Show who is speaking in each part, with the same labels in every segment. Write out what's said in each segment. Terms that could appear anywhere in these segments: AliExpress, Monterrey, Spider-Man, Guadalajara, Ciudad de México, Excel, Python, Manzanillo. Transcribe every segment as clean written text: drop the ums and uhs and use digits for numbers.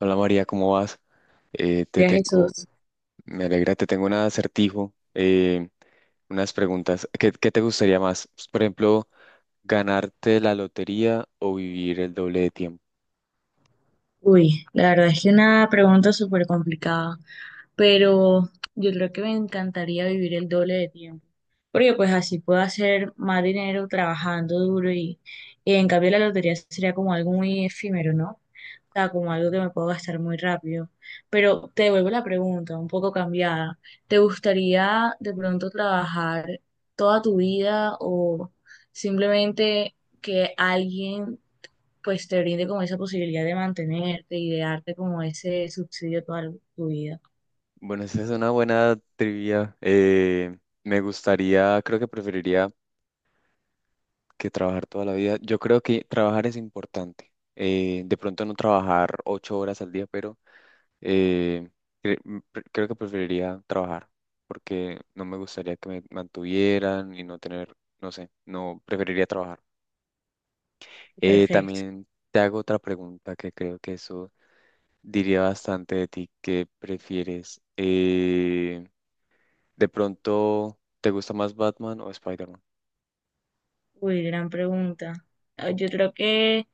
Speaker 1: Hola María, ¿cómo vas? Te
Speaker 2: María
Speaker 1: tengo,
Speaker 2: Jesús,
Speaker 1: me alegra, te tengo un acertijo, unas preguntas. ¿Qué te gustaría más? Pues, por ejemplo, ¿ganarte la lotería o vivir el doble de tiempo?
Speaker 2: uy, la verdad es que una pregunta súper complicada, pero yo creo que me encantaría vivir el doble de tiempo, porque pues así puedo hacer más dinero trabajando duro y en cambio la lotería sería como algo muy efímero, ¿no? O sea, como algo que me puedo gastar muy rápido. Pero te devuelvo la pregunta, un poco cambiada. ¿Te gustaría de pronto trabajar toda tu vida o simplemente que alguien pues te brinde como esa posibilidad de mantenerte y de darte como ese subsidio toda tu vida?
Speaker 1: Bueno, esa es una buena trivia. Me gustaría, creo que preferiría que trabajar toda la vida. Yo creo que trabajar es importante. De pronto no trabajar ocho horas al día, pero Eh, creo que preferiría trabajar porque no me gustaría que me mantuvieran y no tener, no sé, no preferiría trabajar.
Speaker 2: Perfecto.
Speaker 1: También te hago otra pregunta que creo que eso diría bastante de ti. ¿Qué prefieres? ¿De pronto te gusta más Batman o Spider-Man?
Speaker 2: Uy, gran pregunta. Ah, yo creo que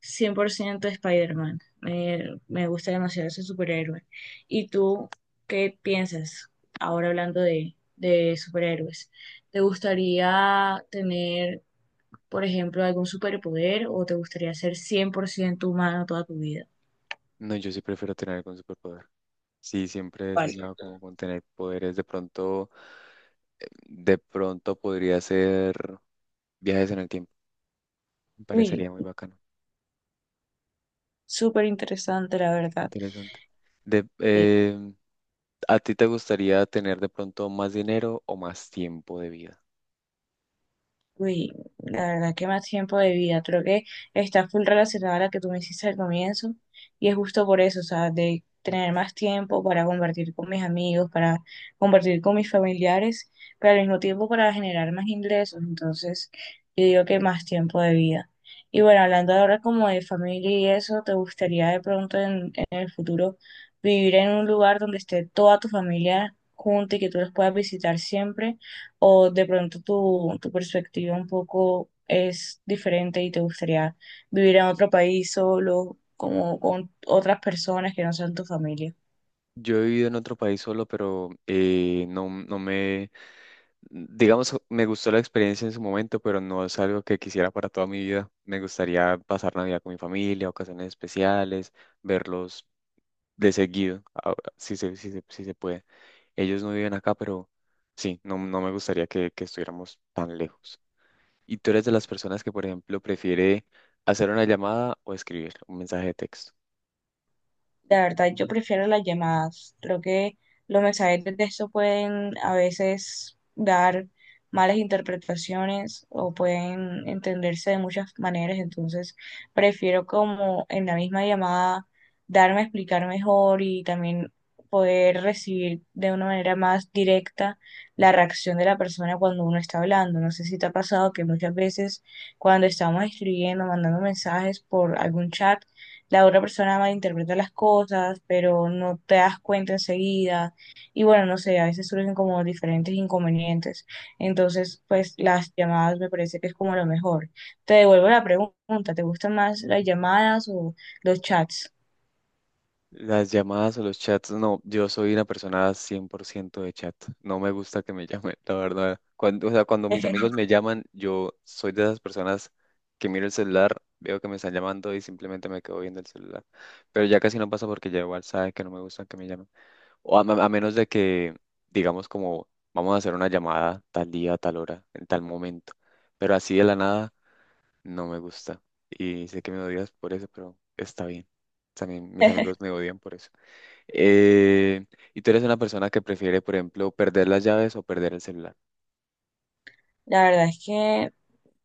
Speaker 2: 100% Spider-Man. Me gusta demasiado ese superhéroe. ¿Y tú qué piensas ahora hablando de superhéroes? ¿Te gustaría tener, por ejemplo, algún superpoder o te gustaría ser 100% humano toda tu vida?
Speaker 1: No, yo sí prefiero tener algún superpoder. Sí, siempre he
Speaker 2: ¿Cuál?
Speaker 1: soñado como con tener poderes. De pronto podría ser viajes en el tiempo. Me
Speaker 2: Uy,
Speaker 1: parecería muy bacano.
Speaker 2: súper interesante, la verdad.
Speaker 1: Interesante. De, eh, ¿A ti te gustaría tener de pronto más dinero o más tiempo de vida?
Speaker 2: Uy, la verdad que más tiempo de vida. Creo que está full relacionada a la que tú me hiciste al comienzo. Y es justo por eso, o sea, de tener más tiempo para compartir con mis amigos, para compartir con mis familiares, pero al mismo tiempo para generar más ingresos. Entonces, yo digo que más tiempo de vida. Y bueno, hablando ahora como de familia y eso, ¿te gustaría de pronto en el futuro vivir en un lugar donde esté toda tu familia junta y que tú los puedas visitar siempre? ¿O de pronto tu perspectiva un poco es diferente y te gustaría vivir en otro país solo, como con otras personas que no sean tu familia?
Speaker 1: Yo he vivido en otro país solo, pero no, no me, digamos, me gustó la experiencia en su momento, pero no es algo que quisiera para toda mi vida. Me gustaría pasar Navidad con mi familia, ocasiones especiales, verlos de seguido, si se puede. Ellos no viven acá, pero sí, no, no me gustaría que estuviéramos tan lejos. ¿Y tú eres de las personas que, por ejemplo, prefiere hacer una llamada o escribir un mensaje de texto?
Speaker 2: La verdad, yo prefiero las llamadas. Creo que los mensajes de texto pueden a veces dar malas interpretaciones o pueden entenderse de muchas maneras. Entonces, prefiero como en la misma llamada darme a explicar mejor y también poder recibir de una manera más directa la reacción de la persona cuando uno está hablando. No sé si te ha pasado que muchas veces cuando estamos escribiendo, mandando mensajes por algún chat, la otra persona malinterpreta las cosas, pero no te das cuenta enseguida. Y bueno, no sé, a veces surgen como diferentes inconvenientes. Entonces, pues las llamadas me parece que es como lo mejor. Te devuelvo la pregunta, ¿te gustan más las llamadas o los chats?
Speaker 1: Las llamadas o los chats, no, yo soy una persona 100% de chat. No me gusta que me llamen, la verdad. Cuando, o sea, cuando mis amigos me llaman, yo soy de esas personas que miro el celular, veo que me están llamando y simplemente me quedo viendo el celular. Pero ya casi no pasa porque ya igual sabe que no me gusta que me llamen. O a menos de que, digamos, como vamos a hacer una llamada tal día, tal hora, en tal momento. Pero así de la nada no me gusta. Y sé que me odias por eso, pero está bien. También mis amigos me odian por eso. Eh, ¿Y tú eres una persona que prefiere, por ejemplo, perder las llaves o perder el celular?
Speaker 2: La verdad es que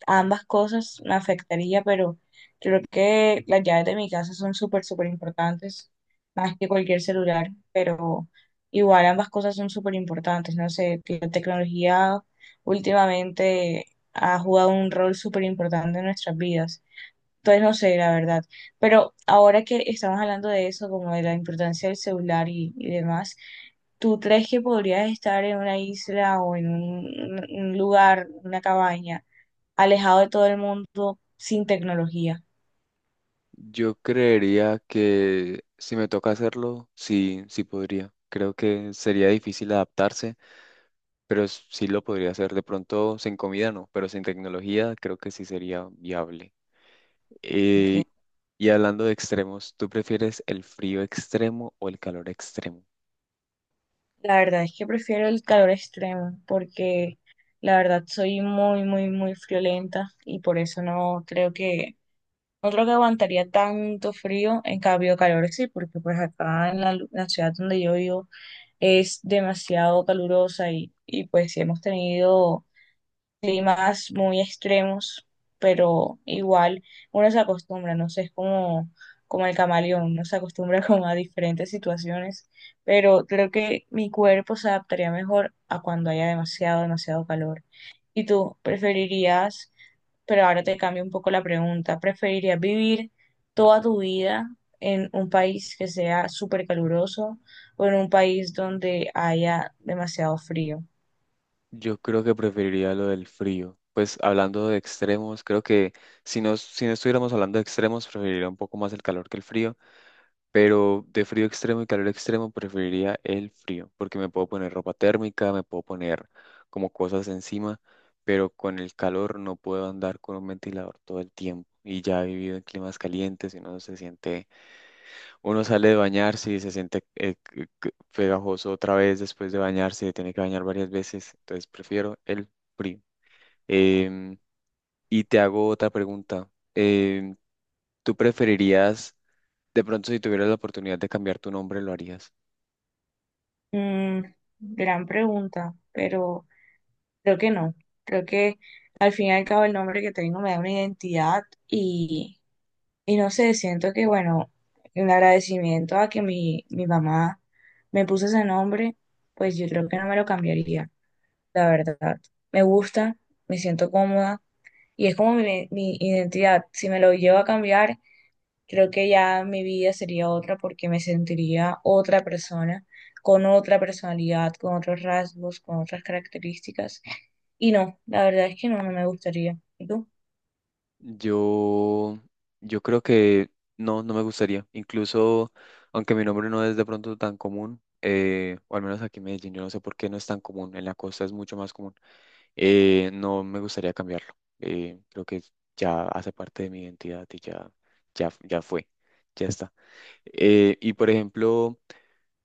Speaker 2: ambas cosas me afectaría, pero creo que las llaves de mi casa son súper, súper importantes, más que cualquier celular, pero igual ambas cosas son súper importantes, no sé, que la tecnología últimamente ha jugado un rol súper importante en nuestras vidas. Entonces no sé, la verdad. Pero ahora que estamos hablando de eso, como de la importancia del celular y demás, ¿tú crees que podrías estar en una isla o en un lugar, una cabaña, alejado de todo el mundo sin tecnología?
Speaker 1: Yo creería que si me toca hacerlo, sí, sí podría. Creo que sería difícil adaptarse, pero sí lo podría hacer. De pronto, sin comida no, pero sin tecnología creo que sí sería viable.
Speaker 2: Porque
Speaker 1: Eh, y hablando de extremos, ¿tú prefieres el frío extremo o el calor extremo?
Speaker 2: la verdad es que prefiero el calor extremo porque la verdad soy muy, muy, muy friolenta y por eso no creo que aguantaría tanto frío, en cambio calor sí, porque pues acá en la ciudad donde yo vivo es demasiado calurosa y pues sí hemos tenido climas muy extremos, pero igual uno se acostumbra, no sé, es como, como el camaleón, uno se acostumbra como a diferentes situaciones, pero creo que mi cuerpo se adaptaría mejor a cuando haya demasiado, demasiado calor. ¿Y tú preferirías, pero ahora te cambio un poco la pregunta, preferirías vivir toda tu vida en un país que sea súper caluroso o en un país donde haya demasiado frío?
Speaker 1: Yo creo que preferiría lo del frío. Pues hablando de extremos, creo que si no, si no estuviéramos hablando de extremos, preferiría un poco más el calor que el frío, pero de frío extremo y calor extremo preferiría el frío, porque me puedo poner ropa térmica, me puedo poner como cosas encima, pero con el calor no puedo andar con un ventilador todo el tiempo. Y ya he vivido en climas calientes y uno se siente uno sale de bañarse y se siente pegajoso otra vez después de bañarse, tiene que bañar varias veces, entonces prefiero el frío. Em, y te hago otra pregunta. Em, ¿Tú preferirías, de pronto si tuvieras la oportunidad de cambiar tu nombre, lo harías?
Speaker 2: Mm, Gran pregunta, pero creo que no. Creo que al fin y al cabo el nombre que tengo me da una identidad y, y no sé, siento que, bueno, un agradecimiento a que mi mamá me puso ese nombre, pues yo creo que no me lo cambiaría, la verdad. Me gusta, me siento cómoda y es como mi identidad. Si me lo llevo a cambiar, creo que ya mi vida sería otra porque me sentiría otra persona, con otra personalidad, con otros rasgos, con otras características. Y no, la verdad es que no, no me gustaría. ¿Y tú?
Speaker 1: Yo, yo creo que no, no me gustaría. Incluso, aunque mi nombre no es de pronto tan común, o al menos aquí en Medellín, yo no sé por qué no es tan común, en la costa es mucho más común. No me gustaría cambiarlo. Creo que ya hace parte de mi identidad y ya fue, ya está. Y por ejemplo,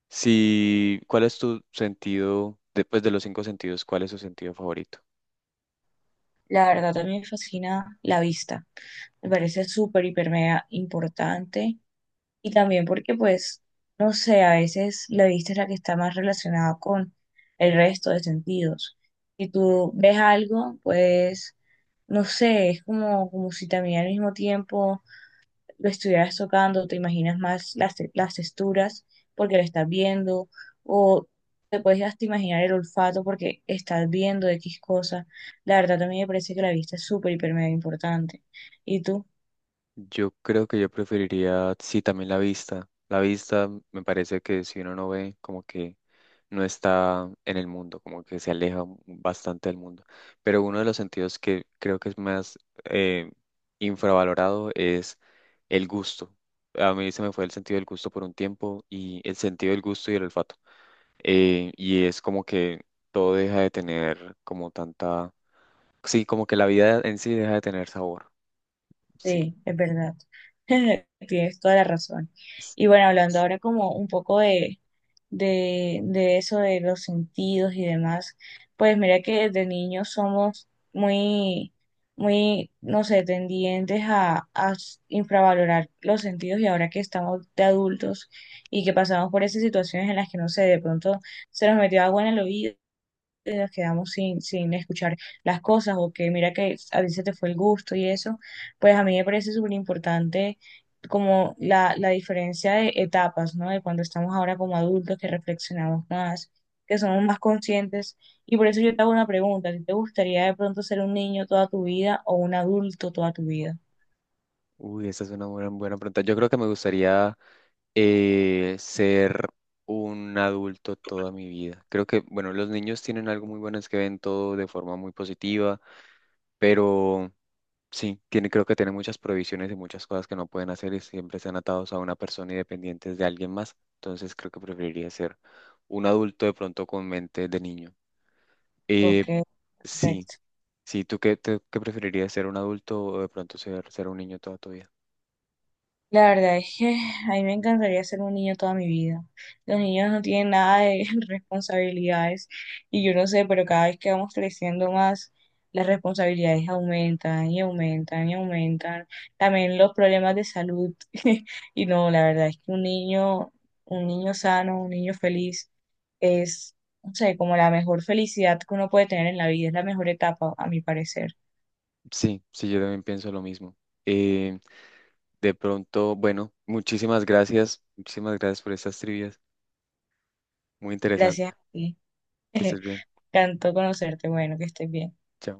Speaker 1: si, ¿cuál es tu sentido, después de los cinco sentidos, cuál es tu sentido favorito?
Speaker 2: La verdad también me fascina la vista. Me parece súper, hiper, mega importante. Y también porque, pues, no sé, a veces la vista es la que está más relacionada con el resto de sentidos. Si tú ves algo, pues, no sé, es como, como si también al mismo tiempo lo estuvieras tocando, te imaginas más las texturas porque lo estás viendo, o te puedes hasta imaginar el olfato porque estás viendo X cosa. La verdad también me parece que la vista es súper, hiper, mega importante. ¿Y tú?
Speaker 1: Yo creo que yo preferiría, sí, también la vista. La vista me parece que si uno no ve, como que no está en el mundo, como que se aleja bastante del mundo. Pero uno de los sentidos que creo que es más eh, infravalorado es el gusto. A mí se me fue el sentido del gusto por un tiempo y el sentido del gusto y el olfato. Y es como que todo deja de tener como tanta... Sí, como que la vida en sí deja de tener sabor. Sí.
Speaker 2: Sí, es verdad. Tienes toda la razón. Y bueno, hablando ahora como un poco de eso de los sentidos y demás. Pues mira que desde niños somos muy, muy, no sé, tendientes a infravalorar los sentidos y ahora que estamos de adultos y que pasamos por esas situaciones en las que, no sé, de pronto se nos metió agua en el oído nos quedamos sin escuchar las cosas o que mira que a ti se te fue el gusto y eso, pues a mí me parece súper importante como la diferencia de etapas, ¿no? De cuando estamos ahora como adultos, que reflexionamos más, que somos más conscientes. Y por eso yo te hago una pregunta, ¿a ti te gustaría de pronto ser un niño toda tu vida o un adulto toda tu vida?
Speaker 1: Uy, esa es una buena, buena pregunta. Yo creo que me gustaría ser un adulto toda mi vida. Creo que, bueno, los niños tienen algo muy bueno, es que ven todo de forma muy positiva, pero sí, tiene, creo que tienen muchas prohibiciones y muchas cosas que no pueden hacer y siempre están atados a una persona y dependientes de alguien más. Entonces creo que preferiría ser un adulto de pronto con mente de niño. Eh,
Speaker 2: Ok,
Speaker 1: sí,
Speaker 2: perfecto.
Speaker 1: sí, ¿tú qué preferirías ser un adulto o de pronto ser, ser un niño toda tu vida?
Speaker 2: La verdad es que a mí me encantaría ser un niño toda mi vida. Los niños no tienen nada de responsabilidades y yo no sé, pero cada vez que vamos creciendo más, las responsabilidades aumentan y aumentan y aumentan. También los problemas de salud. Y no, la verdad es que un niño sano, un niño feliz es, no sé, como la mejor felicidad que uno puede tener en la vida, es la mejor etapa, a mi parecer.
Speaker 1: Sí, sí, yo también pienso lo mismo. Eh, de pronto, bueno, muchísimas gracias por estas trivias. Muy
Speaker 2: Gracias a
Speaker 1: interesante.
Speaker 2: ti.
Speaker 1: Que estés bien.
Speaker 2: Encantó conocerte. Bueno, que estés bien.
Speaker 1: Chao.